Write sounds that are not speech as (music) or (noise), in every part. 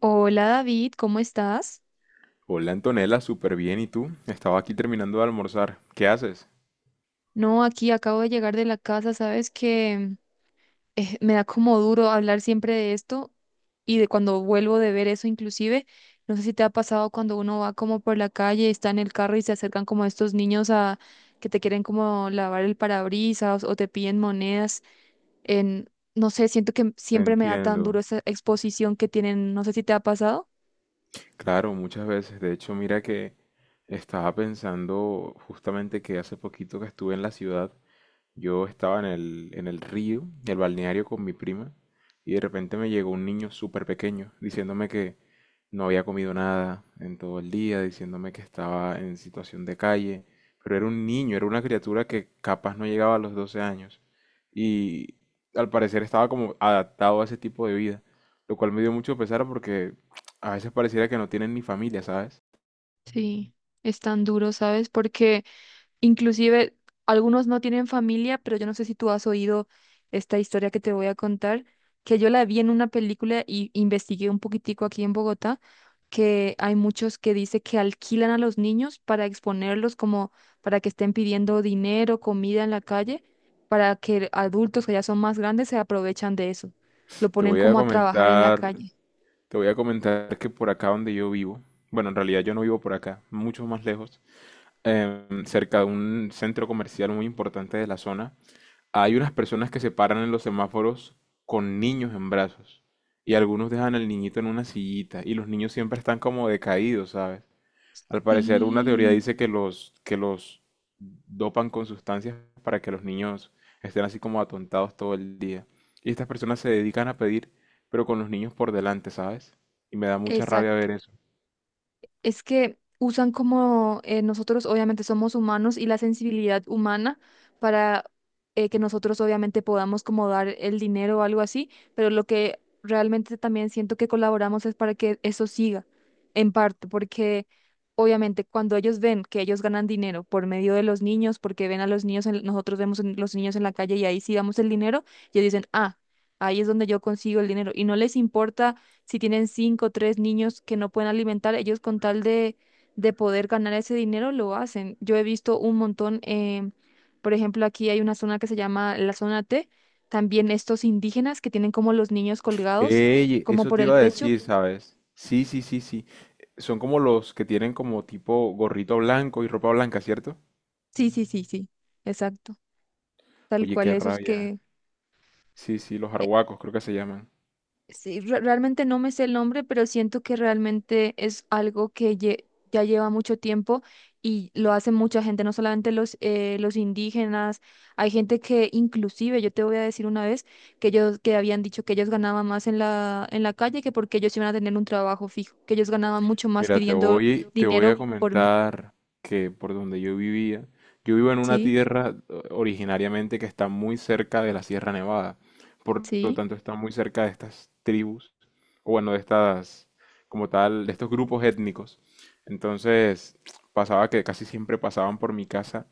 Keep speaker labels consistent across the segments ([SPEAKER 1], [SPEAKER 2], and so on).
[SPEAKER 1] Hola David, ¿cómo estás?
[SPEAKER 2] Hola Antonella, súper bien. ¿Y tú? Estaba aquí terminando de almorzar. ¿Qué haces?
[SPEAKER 1] No, aquí acabo de llegar de la casa, sabes que me da como duro hablar siempre de esto y de cuando vuelvo de ver eso inclusive, no sé si te ha pasado cuando uno va como por la calle, está en el carro y se acercan como estos niños a que te quieren como lavar el parabrisas o te piden monedas en, no sé, siento que
[SPEAKER 2] Te
[SPEAKER 1] siempre me da tan duro
[SPEAKER 2] entiendo.
[SPEAKER 1] esa exposición que tienen, no sé si te ha pasado.
[SPEAKER 2] Claro, muchas veces. De hecho, mira que estaba pensando justamente que hace poquito que estuve en la ciudad. Yo estaba en el río, en el balneario con mi prima, y de repente me llegó un niño súper pequeño diciéndome que no había comido nada en todo el día, diciéndome que estaba en situación de calle, pero era un niño, era una criatura que capaz no llegaba a los 12 años, y al parecer estaba como adaptado a ese tipo de vida, lo cual me dio mucho pesar porque (tsk) a veces pareciera que no tienen ni familia, ¿sabes?
[SPEAKER 1] Sí, es tan duro, ¿sabes? Porque inclusive algunos no tienen familia, pero yo no sé si tú has oído esta historia que te voy a contar, que yo la vi en una película y investigué un poquitico aquí en Bogotá, que hay muchos que dice que alquilan a los niños para exponerlos como para que estén pidiendo dinero, comida en la calle, para que adultos que ya son más grandes se aprovechan de eso. Lo
[SPEAKER 2] Te
[SPEAKER 1] ponen
[SPEAKER 2] voy a
[SPEAKER 1] como a trabajar en la
[SPEAKER 2] comentar,
[SPEAKER 1] calle.
[SPEAKER 2] Te voy a comentar que por acá donde yo vivo, bueno, en realidad yo no vivo por acá, mucho más lejos, cerca de un centro comercial muy importante de la zona, hay unas personas que se paran en los semáforos con niños en brazos y algunos dejan al niñito en una sillita y los niños siempre están como decaídos, ¿sabes? Al parecer, una teoría
[SPEAKER 1] Sí,
[SPEAKER 2] dice que los dopan con sustancias para que los niños estén así como atontados todo el día. Y estas personas se dedican a pedir, pero con los niños por delante, ¿sabes? Y me da mucha rabia
[SPEAKER 1] exacto.
[SPEAKER 2] ver eso.
[SPEAKER 1] Es que usan como nosotros obviamente somos humanos y la sensibilidad humana para que nosotros obviamente podamos como dar el dinero o algo así, pero lo que realmente también siento que colaboramos es para que eso siga en parte, porque obviamente cuando ellos ven que ellos ganan dinero por medio de los niños, porque ven a los niños, nosotros vemos a los niños en la calle y ahí sí damos el dinero, ellos dicen, ah, ahí es donde yo consigo el dinero y no les importa si tienen cinco o tres niños que no pueden alimentar, ellos con tal de poder ganar ese dinero lo hacen. Yo he visto un montón, por ejemplo, aquí hay una zona que se llama la zona T, también estos indígenas que tienen como los niños colgados,
[SPEAKER 2] Ey,
[SPEAKER 1] como
[SPEAKER 2] eso
[SPEAKER 1] por
[SPEAKER 2] te
[SPEAKER 1] el
[SPEAKER 2] iba a
[SPEAKER 1] pecho.
[SPEAKER 2] decir, ¿sabes? Sí, sí, sí, sí. Son como los que tienen como tipo gorrito blanco y ropa blanca, ¿cierto?
[SPEAKER 1] Sí, sí, sí, sí, exacto. Tal
[SPEAKER 2] Oye,
[SPEAKER 1] cual
[SPEAKER 2] qué
[SPEAKER 1] esos
[SPEAKER 2] rabia.
[SPEAKER 1] que...
[SPEAKER 2] Sí, sí, los arhuacos creo que se llaman.
[SPEAKER 1] Realmente no me sé el nombre, pero siento que realmente es algo que ya lleva mucho tiempo y lo hace mucha gente, no solamente los indígenas, hay gente que inclusive, yo te voy a decir una vez, que ellos que habían dicho que ellos ganaban más en la calle que porque ellos iban a tener un trabajo fijo, que ellos ganaban mucho más
[SPEAKER 2] Mira, te
[SPEAKER 1] pidiendo
[SPEAKER 2] voy, te voy a
[SPEAKER 1] dinero por medio.
[SPEAKER 2] comentar que por donde yo vivía, yo vivo en una
[SPEAKER 1] Sí,
[SPEAKER 2] tierra originariamente que está muy cerca de la Sierra Nevada, por lo
[SPEAKER 1] sí,
[SPEAKER 2] tanto está muy cerca de estas tribus, o bueno, de estas, como tal, de estos grupos étnicos. Entonces, (tsk) pasaba que casi siempre pasaban por mi casa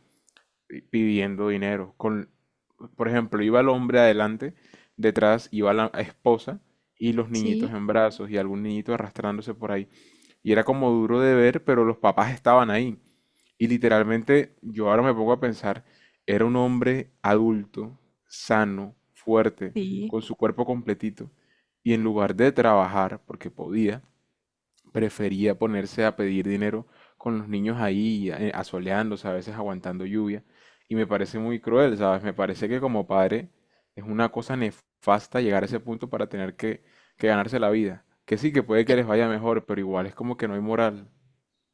[SPEAKER 2] pidiendo dinero, con por ejemplo, iba el hombre adelante, detrás iba la esposa y los niñitos
[SPEAKER 1] sí,
[SPEAKER 2] en brazos y algún niñito arrastrándose por ahí. Y era como duro de ver, pero los papás estaban ahí. Y literalmente, yo ahora me pongo a pensar, era un hombre adulto, sano, fuerte,
[SPEAKER 1] sí.
[SPEAKER 2] con su cuerpo completito. Y en lugar de trabajar, porque podía, prefería ponerse a pedir dinero con los niños ahí asoleándose, a veces aguantando lluvia. Y me parece muy cruel, ¿sabes? Me parece que como padre es una cosa nefasta llegar a ese punto para tener que ganarse la vida. Que sí, que puede que les vaya mejor, pero igual es como que no hay moral.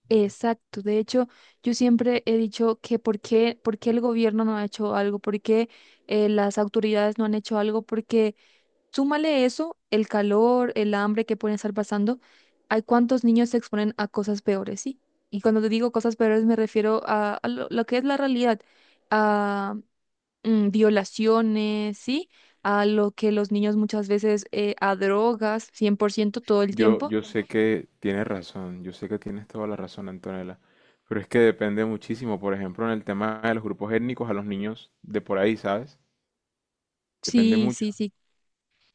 [SPEAKER 1] Exacto. De hecho, yo siempre he dicho que por qué el gobierno no ha hecho algo, por qué las autoridades no han hecho algo, porque súmale eso, el calor, el hambre que pueden estar pasando, hay cuántos niños se exponen a cosas peores, ¿sí? Y cuando te digo cosas peores me refiero a lo que es la realidad, a violaciones, ¿sí? A lo que los niños muchas veces, a drogas, 100% todo el
[SPEAKER 2] Yo,
[SPEAKER 1] tiempo.
[SPEAKER 2] yo sé que tienes razón, yo sé que tienes toda la razón, Antonella. Pero es que depende muchísimo, por ejemplo, en el tema de los grupos étnicos a los niños de por ahí, ¿sabes? Depende
[SPEAKER 1] Sí,
[SPEAKER 2] mucho.
[SPEAKER 1] sí, sí,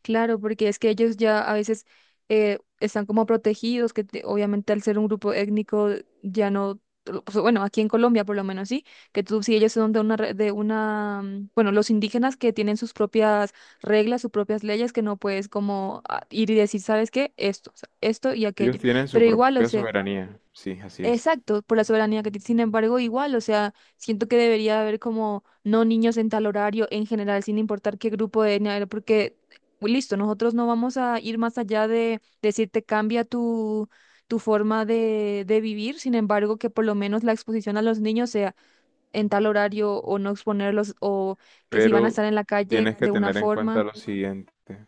[SPEAKER 1] claro, porque es que ellos ya a veces están como protegidos, obviamente al ser un grupo étnico ya no, pues, bueno, aquí en Colombia por lo menos sí, que tú si ellos son de de una, bueno, los indígenas que tienen sus propias reglas, sus propias leyes, que no puedes como ah, ir y decir, ¿sabes qué? Esto, o sea, esto y
[SPEAKER 2] Ellos
[SPEAKER 1] aquello.
[SPEAKER 2] tienen su
[SPEAKER 1] Pero igual, o
[SPEAKER 2] propia
[SPEAKER 1] sea.
[SPEAKER 2] soberanía. Sí, así es.
[SPEAKER 1] Exacto, por la soberanía que tiene. Sin embargo, igual, o sea, siento que debería haber como no niños en tal horario en general, sin importar qué grupo de etnia era, porque pues, listo, nosotros no vamos a ir más allá de decirte cambia tu, tu forma de vivir, sin embargo, que por lo menos la exposición a los niños sea en tal horario o no exponerlos o que si van a
[SPEAKER 2] Pero
[SPEAKER 1] estar en la calle
[SPEAKER 2] tienes que
[SPEAKER 1] de una
[SPEAKER 2] tener en cuenta
[SPEAKER 1] forma,
[SPEAKER 2] lo siguiente.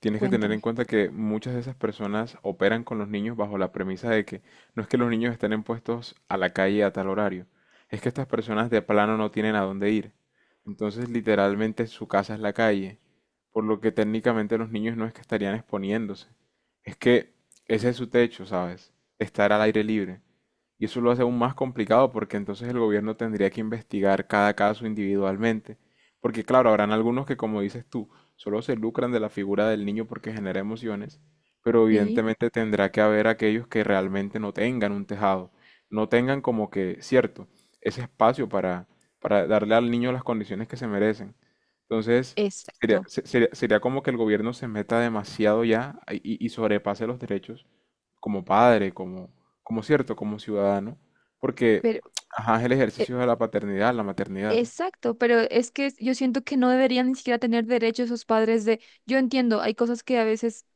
[SPEAKER 2] Tienes que tener en
[SPEAKER 1] cuéntame.
[SPEAKER 2] cuenta que muchas de esas personas operan con los niños bajo la premisa de que no es que los niños estén en puestos a la calle a tal horario, es que estas personas de plano no tienen a dónde ir. Entonces, literalmente su casa es la calle, por lo que técnicamente los niños no es que estarían exponiéndose, es que ese es su techo, ¿sabes? Estar al aire libre. Y eso lo hace aún más complicado porque entonces el gobierno tendría que investigar cada caso individualmente. Porque claro, habrán algunos que, como dices tú, solo se lucran de la figura del niño porque genera emociones, pero
[SPEAKER 1] Sí,
[SPEAKER 2] evidentemente tendrá que haber aquellos que realmente no tengan un tejado, no tengan como que, cierto, ese espacio para darle al niño las condiciones que se merecen. Entonces,
[SPEAKER 1] exacto.
[SPEAKER 2] sería como que el gobierno se meta demasiado ya y sobrepase los derechos como padre, como, como cierto, como ciudadano, porque
[SPEAKER 1] Pero,
[SPEAKER 2] ajá, es el ejercicio de la paternidad, la maternidad.
[SPEAKER 1] exacto, pero es que yo siento que no deberían ni siquiera tener derecho esos padres de, yo entiendo, hay cosas que a veces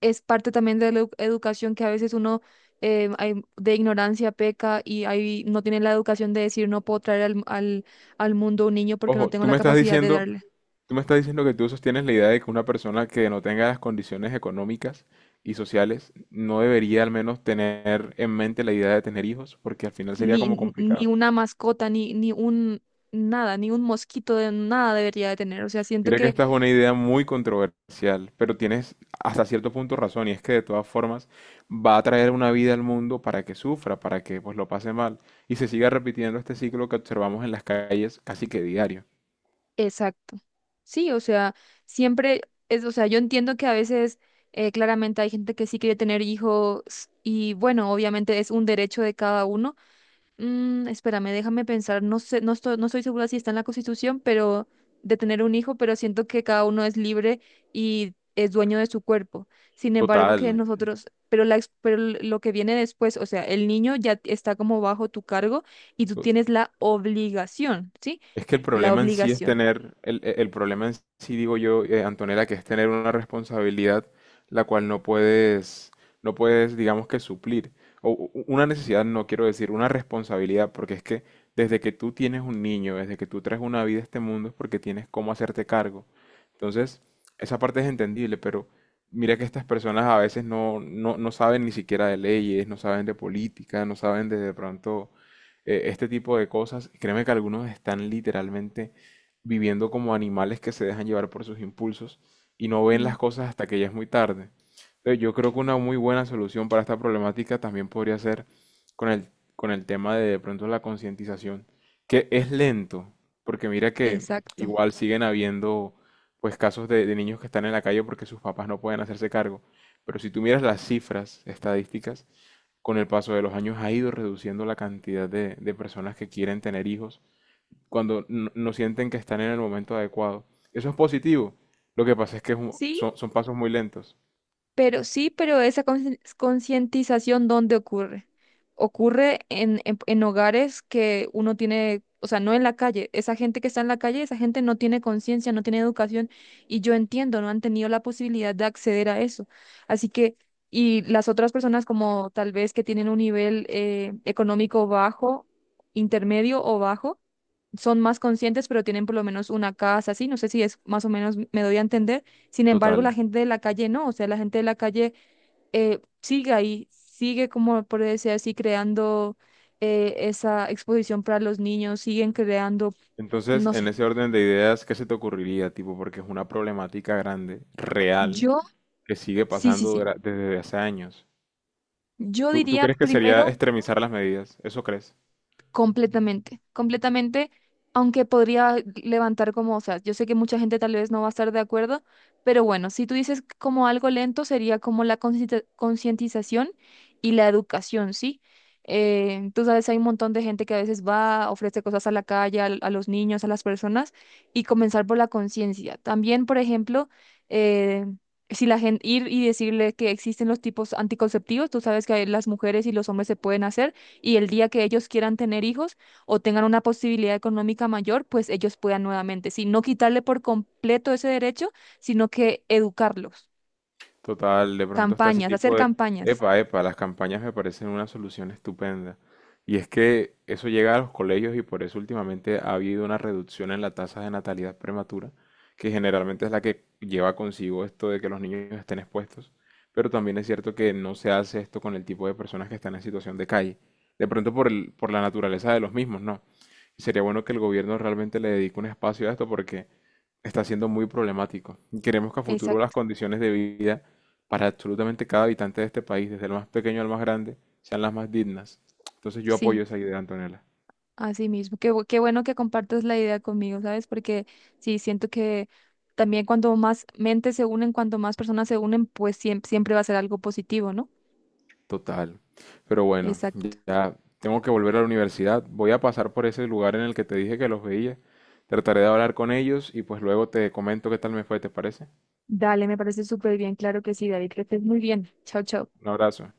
[SPEAKER 1] es parte también de la educación, que a veces uno de ignorancia peca y ahí no tiene la educación de decir no puedo traer al mundo un niño porque no
[SPEAKER 2] Ojo,
[SPEAKER 1] tengo la capacidad de darle
[SPEAKER 2] tú me estás diciendo que tú sostienes la idea de que una persona que no tenga las condiciones económicas y sociales no debería al menos tener en mente la idea de tener hijos, porque al final sería
[SPEAKER 1] ni,
[SPEAKER 2] como
[SPEAKER 1] ni
[SPEAKER 2] complicado.
[SPEAKER 1] ni una mascota, ni, ni un nada, ni un mosquito de nada debería de tener. O sea, siento
[SPEAKER 2] Mira que
[SPEAKER 1] que,
[SPEAKER 2] esta es una idea muy controversial, pero tienes hasta cierto punto razón, y es que de todas formas va a traer una vida al mundo para que sufra, para que pues lo pase mal, y se siga repitiendo este ciclo que observamos en las calles casi que diario.
[SPEAKER 1] exacto. Sí, o sea, siempre es, o sea, yo entiendo que a veces claramente hay gente que sí quiere tener hijos y bueno, obviamente es un derecho de cada uno. Mm, espérame, déjame pensar, no sé, no estoy, no estoy segura si está en la Constitución, pero de tener un hijo, pero siento que cada uno es libre y es dueño de su cuerpo. Sin embargo, que
[SPEAKER 2] Total.
[SPEAKER 1] nosotros, pero pero lo que viene después, o sea, el niño ya está como bajo tu cargo y tú tienes la obligación, ¿sí?
[SPEAKER 2] Es que el
[SPEAKER 1] La
[SPEAKER 2] problema en sí es
[SPEAKER 1] obligación.
[SPEAKER 2] tener, el problema en sí, digo yo, Antonella, que es tener una responsabilidad la cual no puedes, digamos que suplir. O una necesidad, no quiero decir, una responsabilidad, porque es que desde que tú tienes un niño, desde que tú traes una vida a este mundo, es porque tienes cómo hacerte cargo. Entonces, esa parte es entendible, pero mira que estas personas a veces no saben ni siquiera de leyes, no saben de política, no saben de pronto este tipo de cosas. Créeme que algunos están literalmente viviendo como animales que se dejan llevar por sus impulsos y no ven
[SPEAKER 1] Sí,
[SPEAKER 2] las cosas hasta que ya es muy tarde. Entonces, yo creo que una muy buena solución para esta problemática también podría ser con el, con el tema de pronto la concientización, que es lento, porque mira que
[SPEAKER 1] exacto.
[SPEAKER 2] igual siguen habiendo pues casos de niños que están en la calle porque sus papás no pueden hacerse cargo. Pero si tú miras las cifras estadísticas, con el paso de los años ha ido reduciendo la cantidad de personas que quieren tener hijos cuando no sienten que están en el momento adecuado. Eso es positivo. Lo que pasa es que es
[SPEAKER 1] Sí,
[SPEAKER 2] son, son pasos muy lentos.
[SPEAKER 1] sí, pero esa concientización, ¿dónde ocurre? Ocurre en hogares que uno tiene, o sea, no en la calle. Esa gente que está en la calle, esa gente no tiene conciencia, no tiene educación, y yo entiendo, no han tenido la posibilidad de acceder a eso. Así que, y las otras personas como tal vez que tienen un nivel económico bajo, intermedio o bajo, son más conscientes, pero tienen por lo menos una casa, así, no sé si es más o menos, me doy a entender. Sin embargo, la
[SPEAKER 2] Total.
[SPEAKER 1] gente de la calle no, o sea, la gente de la calle sigue ahí, sigue, como por decir así, creando esa exposición para los niños, siguen creando,
[SPEAKER 2] Entonces,
[SPEAKER 1] no
[SPEAKER 2] en
[SPEAKER 1] sé.
[SPEAKER 2] ese orden de ideas, ¿qué se te ocurriría, tipo? Porque es una problemática grande, real,
[SPEAKER 1] Yo,
[SPEAKER 2] que sigue
[SPEAKER 1] sí, sí,
[SPEAKER 2] pasando
[SPEAKER 1] sí.
[SPEAKER 2] dura- desde hace años.
[SPEAKER 1] Yo
[SPEAKER 2] ¿Tú
[SPEAKER 1] diría
[SPEAKER 2] crees que sería
[SPEAKER 1] primero
[SPEAKER 2] extremizar las medidas? ¿Eso crees?
[SPEAKER 1] completamente, completamente, aunque podría levantar como, o sea, yo sé que mucha gente tal vez no va a estar de acuerdo, pero bueno, si tú dices como algo lento, sería como la concientización y la educación, ¿sí? Tú sabes, hay un montón de gente que a veces va, ofrece cosas a la calle, a, los niños, a las personas, y comenzar por la conciencia. También, por ejemplo, eh, si la gente ir y decirle que existen los tipos anticonceptivos, tú sabes que las mujeres y los hombres se pueden hacer y el día que ellos quieran tener hijos o tengan una posibilidad económica mayor, pues ellos puedan nuevamente, sí, no quitarle por completo ese derecho, sino que educarlos,
[SPEAKER 2] Total, de pronto está ese
[SPEAKER 1] campañas, hacer
[SPEAKER 2] tipo de...
[SPEAKER 1] campañas.
[SPEAKER 2] Epa, epa, las campañas me parecen una solución estupenda. Y es que eso llega a los colegios y por eso últimamente ha habido una reducción en la tasa de natalidad prematura, que generalmente es la que lleva consigo esto de que los niños estén expuestos. Pero también es cierto que no se hace esto con el tipo de personas que están en situación de calle. De pronto por el- por la naturaleza de los mismos, ¿no? Sería bueno que el gobierno realmente le dedique un espacio a esto porque está siendo muy problemático. Y Queremos que a futuro las
[SPEAKER 1] Exacto,
[SPEAKER 2] condiciones de vida para absolutamente cada habitante de este país, desde el más pequeño al más grande, sean las más dignas. Entonces yo
[SPEAKER 1] sí,
[SPEAKER 2] apoyo esa idea, Antonella.
[SPEAKER 1] así mismo. Qué, qué bueno que compartas la idea conmigo, ¿sabes? Porque sí, siento que también cuando más mentes se unen, cuando más personas se unen, pues siempre, siempre va a ser algo positivo, ¿no?
[SPEAKER 2] Total. Pero bueno,
[SPEAKER 1] Exacto.
[SPEAKER 2] ya tengo que volver a la universidad. Voy a pasar por ese lugar en el que te dije que los veía. Trataré de hablar con ellos y pues luego te comento qué tal me fue, ¿te parece?
[SPEAKER 1] Dale, me parece súper bien, claro que sí, David, que estés muy bien. Chao, chao.
[SPEAKER 2] Un abrazo.